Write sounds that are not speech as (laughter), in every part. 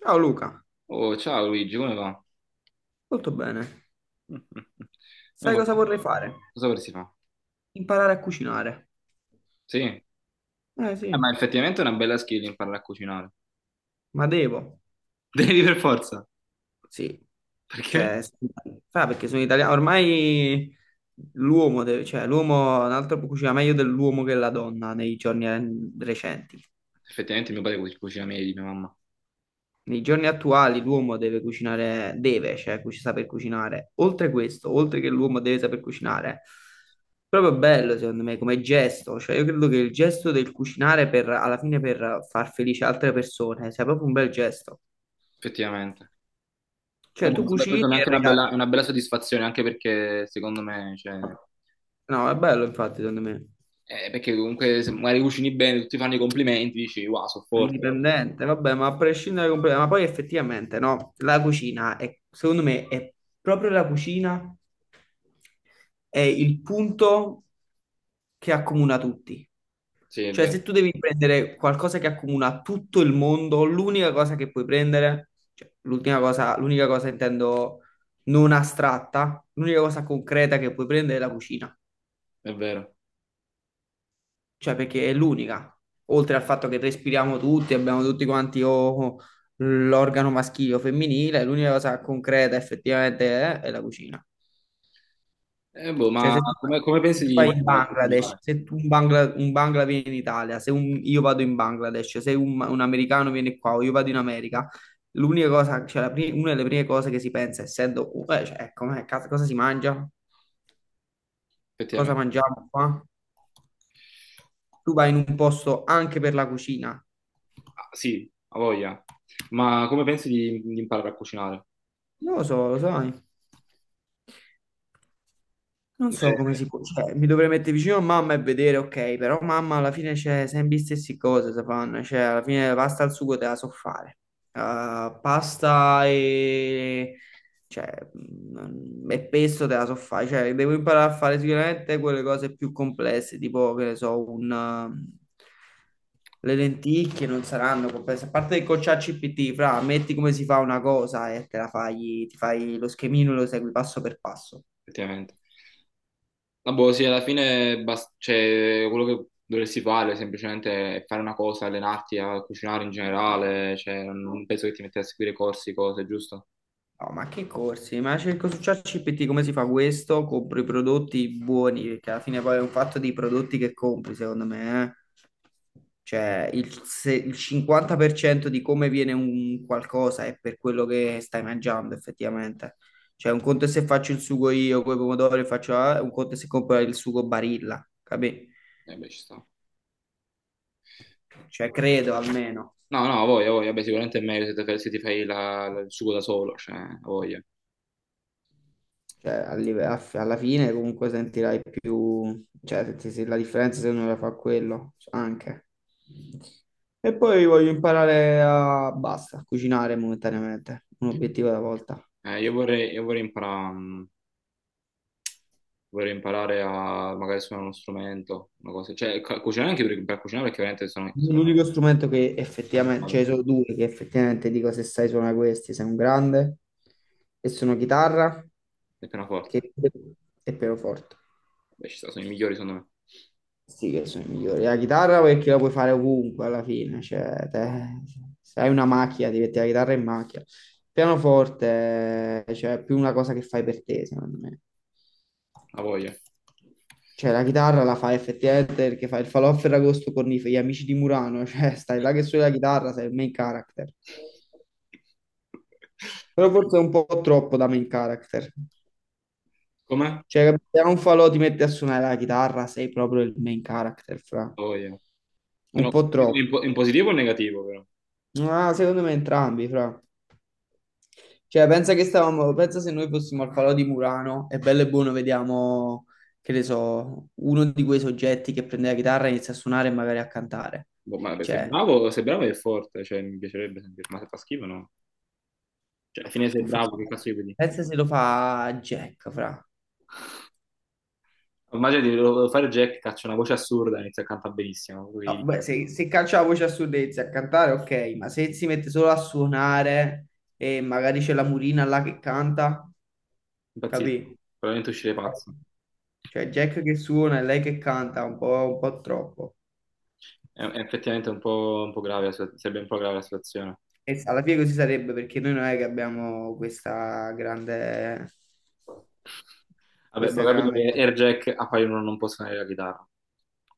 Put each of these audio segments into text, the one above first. Ciao Luca, Oh, ciao Luigi, come va? molto bene. (laughs) Non Sai va- cosa vorrei fare? Cosa per si fa? Imparare a cucinare. Sì, Eh sì, ma effettivamente è una bella skill imparare a cucinare. ma devo. (laughs) Devi per forza. Sì, Perché? cioè, sa perché sono italiano. Ormai l'uomo deve, cioè l'uomo, un altro cucina meglio dell'uomo che la donna nei giorni recenti. Effettivamente mio padre cucina meglio di mia mamma. Nei giorni attuali l'uomo deve cucinare, deve, cioè, saper cucinare. Oltre questo, oltre che l'uomo deve saper cucinare, proprio bello secondo me come gesto, cioè io credo che il gesto del cucinare per, alla fine per far felice altre persone sia proprio un bel gesto. Effettivamente. Ma Cioè boh, tu vabbè, cucini questa è e anche regali. Una bella soddisfazione, anche perché secondo me, cioè, No, è bello infatti secondo me. eh, perché comunque se magari cucini bene, tutti fanno i complimenti, dici, wow, sono forte. Capito? Indipendente, vabbè, ma a prescindere completamente, ma poi effettivamente no, la cucina è, secondo me, è proprio la cucina è il punto che accomuna tutti. Sì, è Cioè, vero, se tu devi prendere qualcosa che accomuna tutto il mondo, l'unica cosa che puoi prendere, cioè, l'ultima cosa, l'unica cosa intendo non astratta, l'unica cosa concreta che puoi prendere è la cucina, è vero. cioè perché è l'unica, oltre al fatto che respiriamo tutti, abbiamo tutti quanti o l'organo maschile o femminile, l'unica cosa concreta effettivamente è la cucina. Boh, Cioè ma se tu, come se pensi tu di vai in imparare a Bangladesh, cucinare? se tu un Bangla viene in Italia, se un- io vado in Bangladesh, se un americano viene qua o io vado in America, l'unica cosa, cioè una delle prime cose che si pensa, essendo, cioè, com'è, cazzo, cosa si mangia? Cosa Effettivamente. mangiamo qua? Tu vai in un posto anche per la cucina. Ah, sì, ha voglia. Ma come pensi di imparare a cucinare? Non lo so, lo sai. Non so come Eh, si può, cioè, mi dovrei mettere vicino a mamma e vedere, ok, però mamma alla fine c'è sempre le stesse cose, si fanno, cioè alla fine la pasta al sugo te la so fare. Pasta e, cioè, e pesto te la so fare, cioè devo imparare a fare sicuramente quelle cose più complesse, tipo, che ne so, le lenticchie non saranno complesse, a parte il cocciacci PT, fra, metti come si fa una cosa e te la fai, ti fai lo schemino e lo segui passo per passo. effettivamente. Ma boh, sì, alla fine bas- cioè, quello che dovresti fare semplicemente è fare una cosa, allenarti a cucinare in generale, cioè, non penso che ti metti a seguire corsi, cose, giusto? No, ma che corsi? Ma cerco su ChatGPT come si fa questo? Compro i prodotti buoni, perché alla fine poi è un fatto dei prodotti che compri, secondo me. Cioè, il, se- il 50% di come viene un qualcosa è per quello che stai mangiando, effettivamente. Cioè, un conto è se faccio il sugo io con i pomodori, e faccio, ah, un conto è se compro il sugo Barilla, capì? Eh beh, ci sta. Cioè, credo almeno. No, no, a voglia, beh, sicuramente è meglio se, te- se ti fai il sugo da solo, cioè, a voglia. Cioè, alla fine comunque sentirai più, cioè, se la differenza se uno la fa quello, anche. E poi voglio imparare a, basta, a cucinare momentaneamente, un obiettivo alla volta. Io vorrei imparare, vorrei imparare a magari suonare uno strumento, una cosa, cioè, ca- cucinare anche per cucinare perché veramente sono, L'unico sono strumento che Cosa che effettivamente, cioè vado? sono due che effettivamente dico se sai suonare questi, sei un grande, e sono È appena forte. che- e pianoforte. Beh, ci sta, sono i migliori secondo me. Sì, che sono i migliori. La chitarra perché la puoi fare ovunque alla fine, se hai una macchina ti metti la chitarra in macchina. Il pianoforte, cioè è più una cosa che fai per te, secondo me. La voglia. Cioè la chitarra la fai effettivamente perché fai il falò a Ferragosto con gli amici di Murano, (laughs) cioè stai là che suoni la chitarra, sei il main character. Però forse è un po' troppo da main character. Com'è? La Cioè, se a un falò ti metti a suonare la chitarra, sei proprio il main character, fra. voglia. Ma Un no, po' troppo. in, po- in positivo o in negativo però? Ah, secondo me entrambi, fra. Cioè, pensa che stavamo, pensa se noi fossimo al Falò di Murano e bello e buono vediamo, che ne so, uno di quei soggetti che prende la chitarra e inizia a suonare e magari a cantare. Boh, ma se è Cioè, bravo, se è bravo è forte, cioè mi piacerebbe sentire, ma se fa schifo no. Cioè, alla fine sei può fare bravo, una che cosa, cazzo gli puoi dire? pensa se lo fa Jack, fra. Immagino di volevo fare Jack, caccia una voce assurda, inizia a cantare benissimo, No, poi beh, se caccia la voce assurda e inizia a cantare, ok, ma se si mette solo a suonare e magari c'è la Murina là che canta, impazzisco, capì? probabilmente uscire pazzo. Cioè Jack che suona e lei che canta un po' troppo. È effettivamente un po' grave, la situa- sarebbe un po' grave la situazione. E alla fine così sarebbe perché noi non è che abbiamo Vabbè, ma ho questa capito grande che Air Jack a Palinuro non può suonare la chitarra.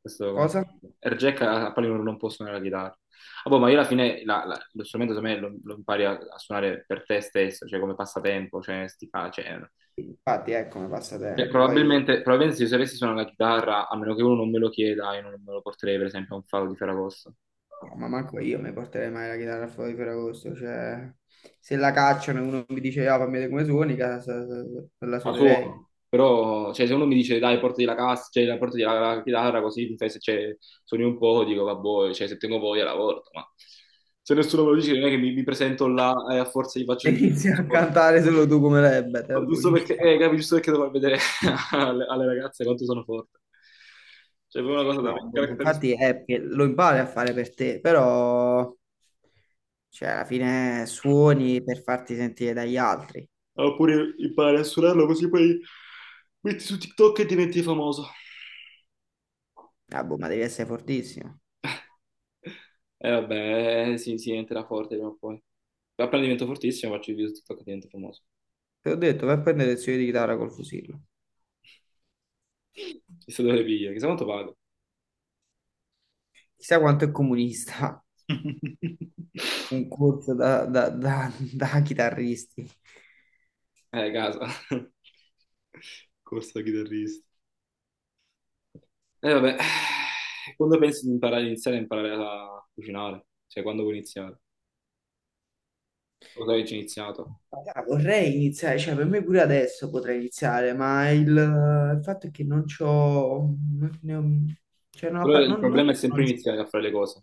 Questo come cosa. Air Jack a Palinuro non può suonare la chitarra. Ah, boh, ma io alla fine lo strumento secondo me lo impari a suonare per te stesso, cioè come passatempo, cioè, sti fa- cioè, Infatti, ecco, mi passa cioè, tempo. Poi probabilmente, probabilmente se io sapessi suonare la chitarra, a meno che uno non me lo chieda, io non me lo porterei per esempio a un fado di Ferragosto. no, ma manco io mi porterei mai la chitarra fuori per agosto. Cioè, se la cacciano e uno mi dice, ah, fammi vedere come suoni, casa, la La suonerei. suono, (laughs) però cioè, se uno mi dice dai, portati la cassa, cioè, la- portati la chitarra così mi fai se cioè, suoni un po', dico vabbè, cioè, se tengo voglia la porto, ma se nessuno me lo dice non è che mi presento là e a forza gli faccio E sentire inizi a solo, cantare solo tu come Rebbe, te la giusto buci. perché, capi, giusto perché devo far vedere (laughs) alle ragazze quanto sono forte. Cioè, è proprio una cosa No, da character. infatti è che lo impari a fare per te, però cioè, alla fine suoni per farti sentire dagli altri. Oppure impari a suonarlo così poi metti su TikTok e diventi famoso. Ah, boh, ma devi essere fortissimo. Sì, sì, diventerà forte prima o poi. Appena divento fortissimo faccio il video su TikTok e divento famoso. Te l'ho detto, vai a prendere lezioni di chitarra col fusillo. Chissà dove le piglio, chissà quanto pago. Chissà quanto è comunista (laughs) un corso da chitarristi. Casa. (laughs) Corsa da chitarrista. Eh vabbè, quando pensi di imparare, iniziare a imparare a cucinare? Cioè, quando vuoi iniziare? Lo sai che ci ho iniziato. Ah, vorrei iniziare, cioè per me pure adesso potrei iniziare, ma il fatto è che non c'ho, non, ne ho- cioè Però il problema è sempre non c'ho. iniziare a fare le cose.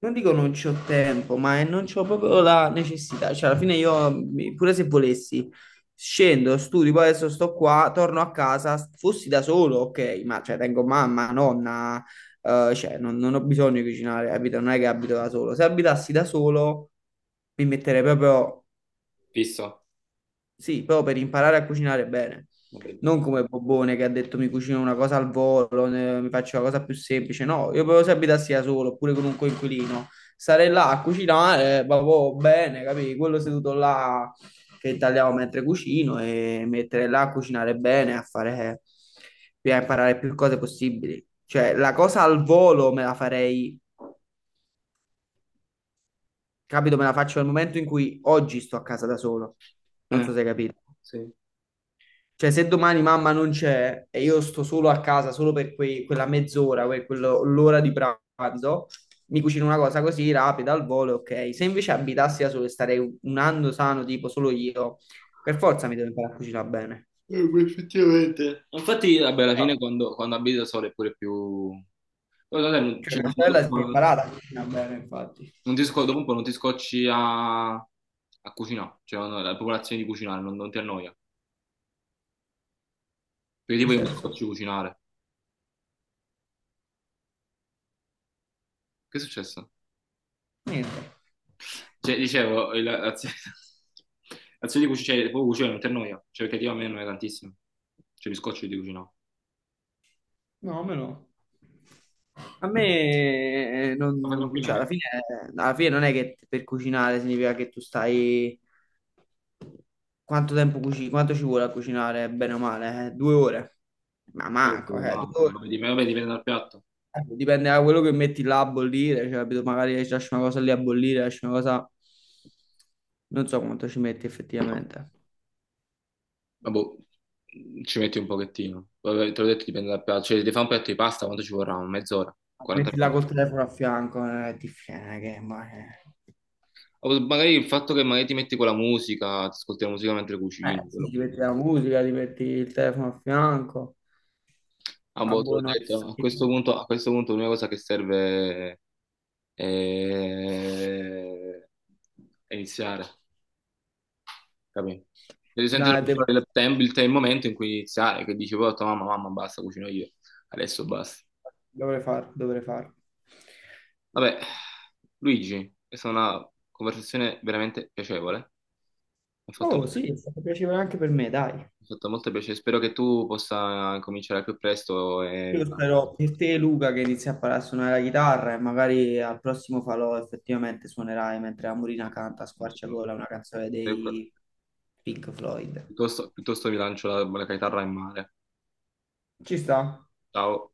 Non dico non c'ho tempo, non c'ho proprio la necessità. Cioè, alla fine io, pure se volessi, scendo, studio, poi adesso sto qua, torno a casa, fossi da solo, ok, ma cioè, tengo mamma, nonna, cioè, non ho bisogno di cucinare, capito? Non è che abito da solo. Se abitassi da solo, mi metterei proprio, Fisso? sì, però per imparare a cucinare bene. Non prendo sta- Non come Bobone che ha detto mi cucino una cosa al volo, mi faccio una cosa più semplice. No, io proprio se abitassi da solo oppure con un coinquilino, stare là a cucinare, proprio bene, capì? Quello seduto là che tagliavo mentre cucino e mettere là a cucinare bene, a fare, a imparare più cose possibili. Cioè, la cosa al volo me la farei, capito? Me la faccio nel momento in cui oggi sto a casa da solo. Non Eh, so se hai capito. sì. Cioè, se domani mamma non c'è e io sto solo a casa, solo per quella mezz'ora, l'ora di pranzo, mi cucino una cosa così rapida al volo, ok. Se invece abitassi da solo e starei un anno sano, tipo solo io, per forza mi devo imparare a cucinare bene. Beh, effettivamente. Infatti, vabbè, alla fine quando abiti da solo è pure più. Poi, vabbè, non- Cioè, cioè, mia dopo, sorella un si è po' imparata a cucinare bene, infatti. non ti, sco- dopo un po' non ti scocci a cucinare, cioè no, la popolazione di cucinare, non ti annoia. In Perché che tipo io mi senso? scoccio di cucinare. Che è successo? Niente. Cioè, dicevo, il- l'azione (laughs) l'azione di cucinare, cioè, proprio cucinare non ti annoia, cioè perché io a me non è tantissimo. Cioè mi scoccio di cucinare. No, a me no. A me Lo fai cioè, tranquillamente. Alla fine non è che per cucinare significa che tu stai. Quanto tempo cucini? Quanto ci vuole a cucinare, bene o male? Due ore? Ma manco, due Manco, ore. Vabbè, dipende dal piatto. Dipende da quello che metti là a bollire, cioè, capito? Magari ci lasci una cosa lì a bollire, lasci una cosa. Non so quanto ci metti effettivamente. Ma boh, ci metti un pochettino. Vabbè, te l'ho detto, dipende dal piatto. Cioè, se devi fare un piatto di pasta, quanto ci vorrà? Mezz'ora, 40 Metti là minuti. col telefono a fianco, è difficile, che. O magari il fatto che magari ti metti con la musica, ti ascolti la musica mentre cucini, Sì, quello ti che- metti la musica, ti metti il telefono a fianco. Ah, Ah, boh, te l'ho boh, no, detto, a questo punto l'unica cosa che serve è, è iniziare, capito? Devi sentire dai, tem- il momento in cui iniziare, che dici, poi ho detto, mamma, mamma, basta, cucino io, adesso basta. dovrei farlo, dovrei farlo. Vabbè, Luigi, questa è stata una conversazione veramente piacevole. Mi ha fatto Oh, molto, sì, è mi stato piacevole anche per me, dai. ha fatto molto piacere. Spero che tu possa cominciare al più presto e Io spero per te, Luca, che inizi a imparare a suonare la chitarra e magari al prossimo falò effettivamente suonerai mentre la Murina canta a squarciagola una canzone dei Pink Floyd. piuttosto, piuttosto mi lancio la chitarra in mare. Ci sta? Ciao.